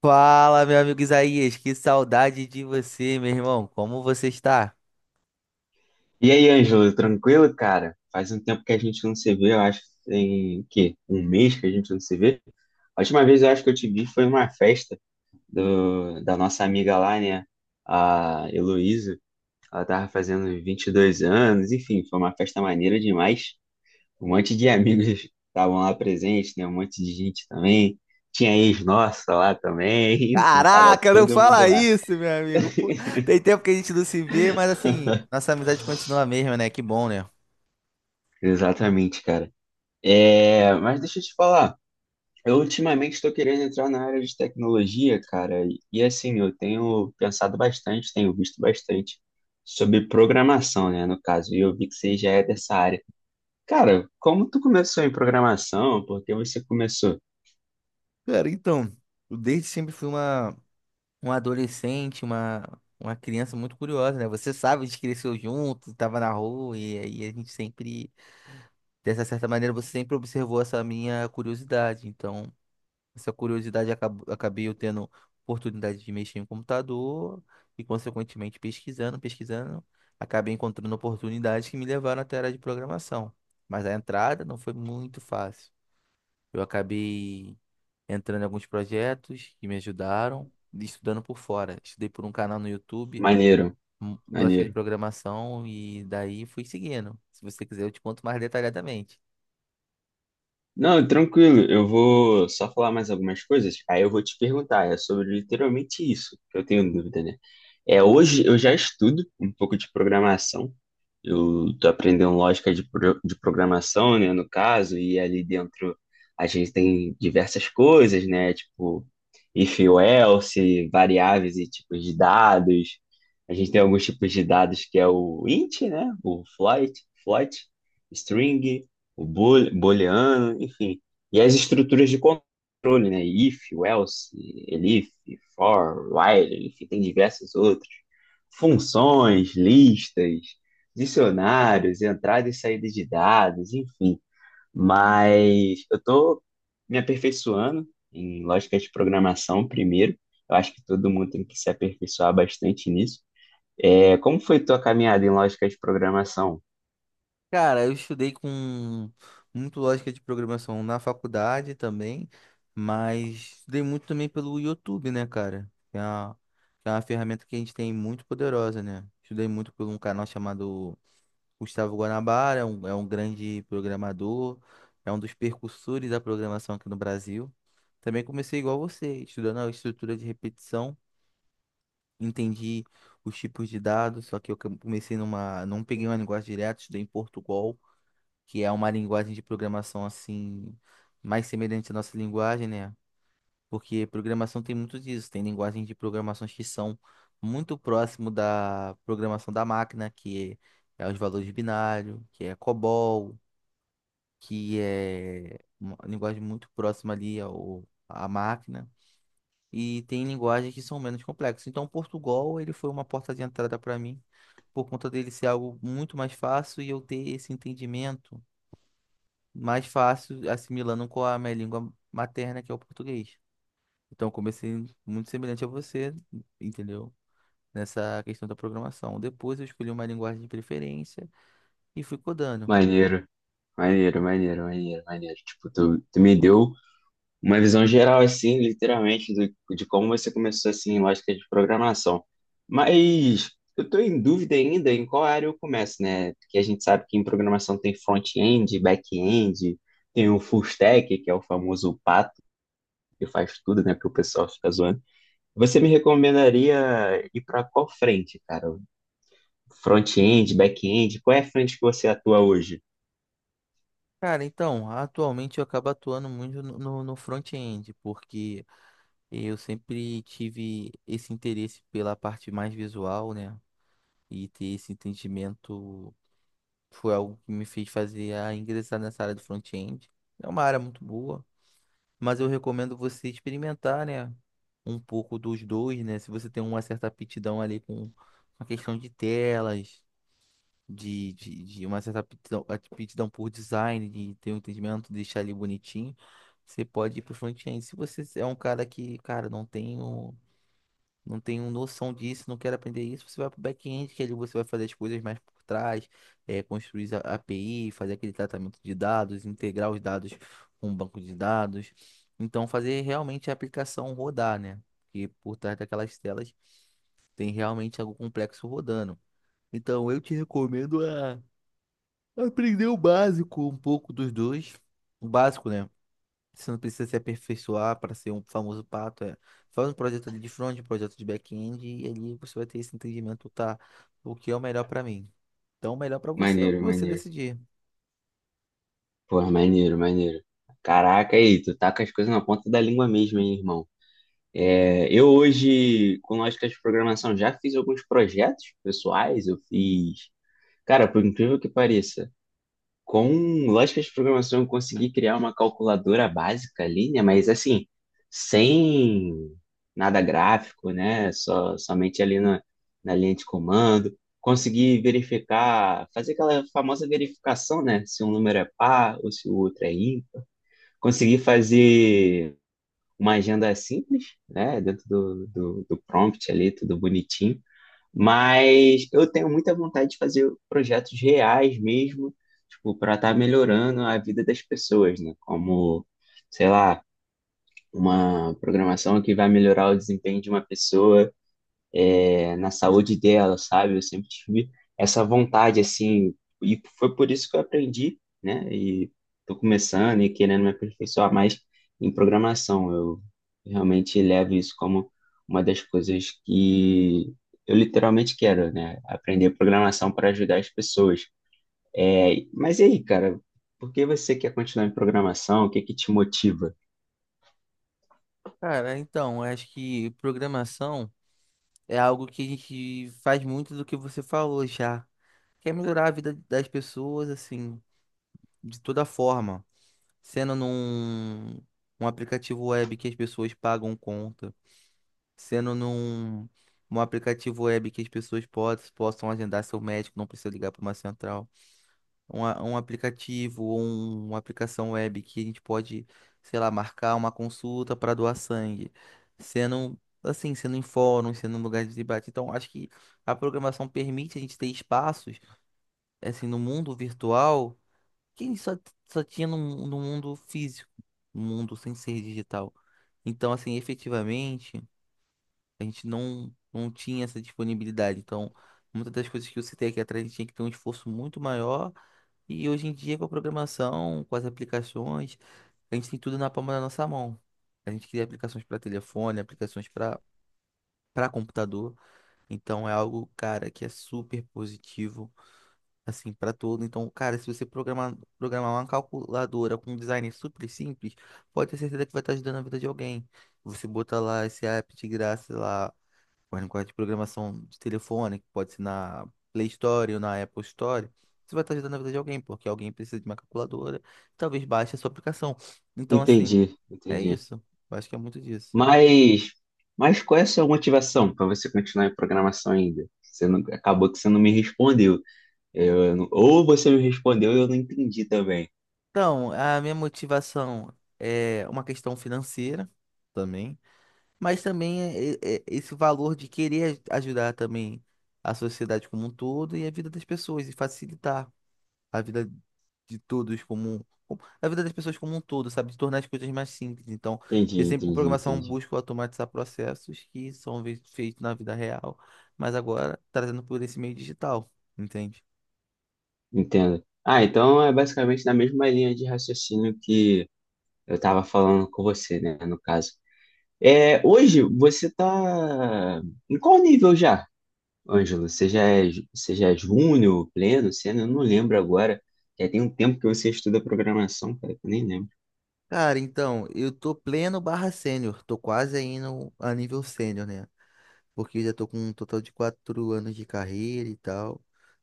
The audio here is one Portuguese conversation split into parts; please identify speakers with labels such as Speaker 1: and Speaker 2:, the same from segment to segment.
Speaker 1: Fala, meu amigo Isaías, que saudade de você, meu irmão. Como você está?
Speaker 2: E aí, Ângelo, tranquilo, cara? Faz um tempo que a gente não se vê, eu acho que tem, que um mês que a gente não se vê. A última vez eu acho que eu te vi foi numa festa da nossa amiga lá, né? A Heloísa. Ela tava fazendo 22 anos, enfim, foi uma festa maneira demais. Um monte de amigos estavam lá presentes, né? Um monte de gente também. Tinha ex nossa lá também, enfim, tava
Speaker 1: Caraca, não
Speaker 2: todo mundo
Speaker 1: fala
Speaker 2: lá.
Speaker 1: isso, meu amigo. Pô, tem tempo que a gente não se vê, mas assim, nossa amizade continua a mesma, né? Que bom, né?
Speaker 2: Exatamente, cara. É, mas deixa eu te falar. Eu ultimamente estou querendo entrar na área de tecnologia, cara, e, assim, eu tenho pensado bastante, tenho visto bastante sobre programação, né, no caso, e eu vi que você já é dessa área. Cara, como tu começou em programação? Por que você começou?
Speaker 1: cara, então, Eu desde sempre fui uma adolescente, uma criança muito curiosa, né? Você sabe, a gente cresceu junto, tava na rua, e aí a gente sempre, dessa certa maneira, você sempre observou essa minha curiosidade. Então, essa curiosidade acabei eu tendo oportunidade de mexer em computador e, consequentemente, pesquisando, acabei encontrando oportunidades que me levaram até a área de programação. Mas a entrada não foi muito fácil. Eu acabei entrando em alguns projetos que me ajudaram, e estudando por fora. Estudei por um canal no YouTube,
Speaker 2: Maneiro,
Speaker 1: Lógica de
Speaker 2: maneiro.
Speaker 1: Programação, e daí fui seguindo. Se você quiser, eu te conto mais detalhadamente.
Speaker 2: Não, tranquilo, eu vou só falar mais algumas coisas, aí eu vou te perguntar, é sobre literalmente isso que eu tenho dúvida, né? É, hoje eu já estudo um pouco de programação, eu tô aprendendo lógica de programação, né, no caso, e ali dentro a gente tem diversas coisas, né, tipo if ou else, variáveis e tipos de dados, a gente tem alguns tipos de dados que é o int, né, o float, string, o booleano, enfim. E as estruturas de controle, né? If, else, elif, for, while, enfim, tem diversas outras. Funções, listas, dicionários, entrada e saída de dados, enfim. Mas eu estou me aperfeiçoando em lógica de programação primeiro. Eu acho que todo mundo tem que se aperfeiçoar bastante nisso. É, como foi tua caminhada em lógica de programação?
Speaker 1: Cara, eu estudei com muito lógica de programação na faculdade também, mas estudei muito também pelo YouTube, né, cara? Que é uma ferramenta que a gente tem muito poderosa, né? Estudei muito por um canal chamado Gustavo Guanabara, é um grande programador, é um dos percursores da programação aqui no Brasil. Também comecei igual você, estudando a estrutura de repetição, entendi os tipos de dados, só que eu comecei numa, não peguei uma linguagem direta, estudei em Portugal, que é uma linguagem de programação assim mais semelhante à nossa linguagem, né? Porque programação tem muito disso, tem linguagens de programações que são muito próximo da programação da máquina, que é os valores binários, que é COBOL, que é uma linguagem muito próxima à máquina. E tem linguagens que são menos complexas. Então, Portugal, ele foi uma porta de entrada para mim, por conta dele ser algo muito mais fácil e eu ter esse entendimento mais fácil assimilando com a minha língua materna, que é o português. Então, eu comecei muito semelhante a você, entendeu? Nessa questão da programação. Depois, eu escolhi uma linguagem de preferência e fui codando.
Speaker 2: Maneiro, maneiro, maneiro, maneiro, maneiro. Tipo, tu me deu uma visão geral, assim, literalmente, de como você começou, assim, em lógica de programação. Mas eu tô em dúvida ainda em qual área eu começo, né? Porque a gente sabe que em programação tem front-end, back-end, tem o full stack, que é o famoso pato, que faz tudo, né? Que o pessoal fica zoando. Você me recomendaria ir para qual frente, cara? Front-end, back-end? Qual é a frente que você atua hoje?
Speaker 1: Cara, então, atualmente eu acabo atuando muito no front-end, porque eu sempre tive esse interesse pela parte mais visual, né? E ter esse entendimento foi algo que me fez fazer a ingressar nessa área do front-end. É uma área muito boa. Mas eu recomendo você experimentar, né? Um pouco dos dois, né? Se você tem uma certa aptidão ali com a questão de telas, de uma certa aptidão, aptidão por design, de ter um entendimento, deixar ali bonitinho, você pode ir pro front-end. Se você é um cara que, cara, não tem noção disso, não quer aprender isso, você vai para o back-end, que ali você vai fazer as coisas mais por trás, é, construir a API, fazer aquele tratamento de dados, integrar os dados com o banco de dados. Então, fazer realmente a aplicação rodar, né? Porque por trás daquelas telas tem realmente algo complexo rodando. Então, eu te recomendo a aprender o básico, um pouco dos dois. O básico, né? Você não precisa se aperfeiçoar para ser um famoso pato. É. Faz um projeto ali de front, um projeto de back-end, e ali você vai ter esse entendimento, tá? O que é o melhor para mim? Então, o melhor para você é o que
Speaker 2: Maneiro,
Speaker 1: você
Speaker 2: maneiro.
Speaker 1: decidir.
Speaker 2: Pô, maneiro, maneiro. Caraca, aí, tu tá com as coisas na ponta da língua mesmo, hein, irmão? É, eu hoje, com lógica de programação, já fiz alguns projetos pessoais, eu fiz. Cara, por incrível que pareça, com lógica de programação eu consegui criar uma calculadora básica ali, né? Mas assim, sem nada gráfico, né? Só, somente ali na linha de comando. Consegui verificar, fazer aquela famosa verificação, né? Se um número é par ou se o outro é ímpar, consegui fazer uma agenda simples, né? Dentro do prompt ali, tudo bonitinho. Mas eu tenho muita vontade de fazer projetos reais mesmo, tipo, para estar melhorando a vida das pessoas, né? Como, sei lá, uma programação que vai melhorar o desempenho de uma pessoa na saúde dela, sabe? Eu sempre tive essa vontade, assim, e foi por isso que eu aprendi, né? E tô começando e querendo me aperfeiçoar mais em programação. Eu realmente levo isso como uma das coisas que eu literalmente quero, né? Aprender programação para ajudar as pessoas. É, mas e aí, cara? Por que você quer continuar em programação? O que que te motiva?
Speaker 1: Cara, então, eu acho que programação é algo que a gente faz muito do que você falou já. Quer melhorar a vida das pessoas, assim, de toda forma. Sendo num Um aplicativo web que as pessoas pagam conta, sendo num, num aplicativo web que as pessoas possam agendar seu médico, não precisa ligar para uma central. Um aplicativo ou uma aplicação web que a gente pode, sei lá, marcar uma consulta para doar sangue. Sendo assim, sendo em fóruns, sendo em lugares de debate. Então, acho que a programação permite a gente ter espaços, assim, no mundo virtual que a gente só tinha no mundo físico, no mundo sem ser digital. Então, assim, efetivamente, a gente não tinha essa disponibilidade. Então, muitas das coisas que eu citei aqui atrás, a gente tinha que ter um esforço muito maior. E hoje em dia, com a programação, com as aplicações, a gente tem tudo na palma da nossa mão. A gente cria aplicações para telefone, aplicações para computador. Então, é algo, cara, que é super positivo, assim, para todo. Então, cara, se você programar, programar uma calculadora com um design super simples, pode ter certeza que vai estar ajudando a vida de alguém. Você bota lá esse app de graça lá. Mas no código de programação de telefone, que pode ser na Play Store ou na Apple Store, você vai estar ajudando a vida de alguém, porque alguém precisa de uma calculadora, talvez baixe a sua aplicação. Então, assim,
Speaker 2: Entendi,
Speaker 1: é
Speaker 2: entendi.
Speaker 1: isso. Eu acho que é muito disso.
Speaker 2: Mas, mas, qual é a sua motivação para você continuar em programação ainda? Você não- Acabou que você não me respondeu. Eu não- Ou você me respondeu e eu não entendi também.
Speaker 1: Então, a minha motivação é uma questão financeira também, mas também é esse valor de querer ajudar também a sociedade como um todo e a vida das pessoas e facilitar a vida de todos como a vida das pessoas como um todo, sabe? De tornar as coisas mais simples. Então,
Speaker 2: Entendi,
Speaker 1: eu sempre com
Speaker 2: entendi,
Speaker 1: programação
Speaker 2: entendi.
Speaker 1: busco automatizar processos que são feitos na vida real, mas agora trazendo por esse meio digital, entende?
Speaker 2: Entendo. Ah, então é basicamente na mesma linha de raciocínio que eu estava falando com você, né, no caso. É, hoje você tá em qual nível já, Ângelo? Você já é, você já é júnior, pleno, sênior? Eu não lembro agora. Já tem um tempo que você estuda programação, cara, que eu nem lembro.
Speaker 1: Cara, então, eu tô pleno barra sênior, tô quase aí no, a nível sênior, né? Porque eu já tô com um total de 4 anos de carreira e tal.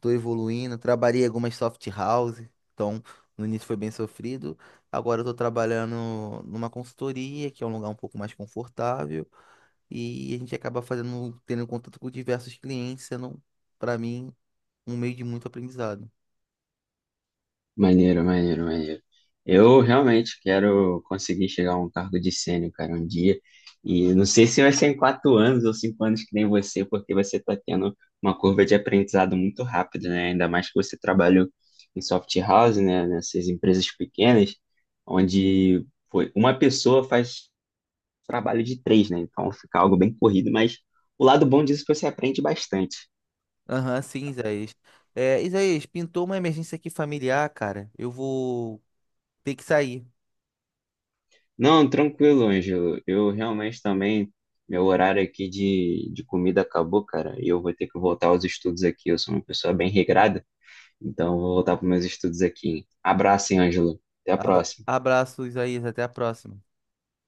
Speaker 1: Tô evoluindo, trabalhei algumas soft house, então no início foi bem sofrido. Agora eu tô trabalhando numa consultoria, que é um lugar um pouco mais confortável, e a gente acaba fazendo, tendo contato com diversos clientes, sendo, para mim, um meio de muito aprendizado.
Speaker 2: Maneiro, maneiro, maneiro. Eu realmente quero conseguir chegar a um cargo de sênior, cara, um dia. E não sei se vai ser em 4 anos ou 5 anos que nem você, porque você está tendo uma curva de aprendizado muito rápida, né? Ainda mais que você trabalhou em soft house, né? Nessas empresas pequenas, onde foi uma pessoa faz trabalho de três, né? Então fica algo bem corrido, mas o lado bom disso é que você aprende bastante.
Speaker 1: Aham, sim, Isaías. É, Isaías, pintou uma emergência aqui familiar, cara. Eu vou ter que sair.
Speaker 2: Não, tranquilo, Ângelo. Eu realmente também, meu horário aqui de comida acabou, cara, e eu vou ter que voltar aos estudos aqui. Eu sou uma pessoa bem regrada, então eu vou voltar para meus estudos aqui. Abraço, hein, Ângelo. Até a próxima.
Speaker 1: Abraço, Isaías, até a próxima.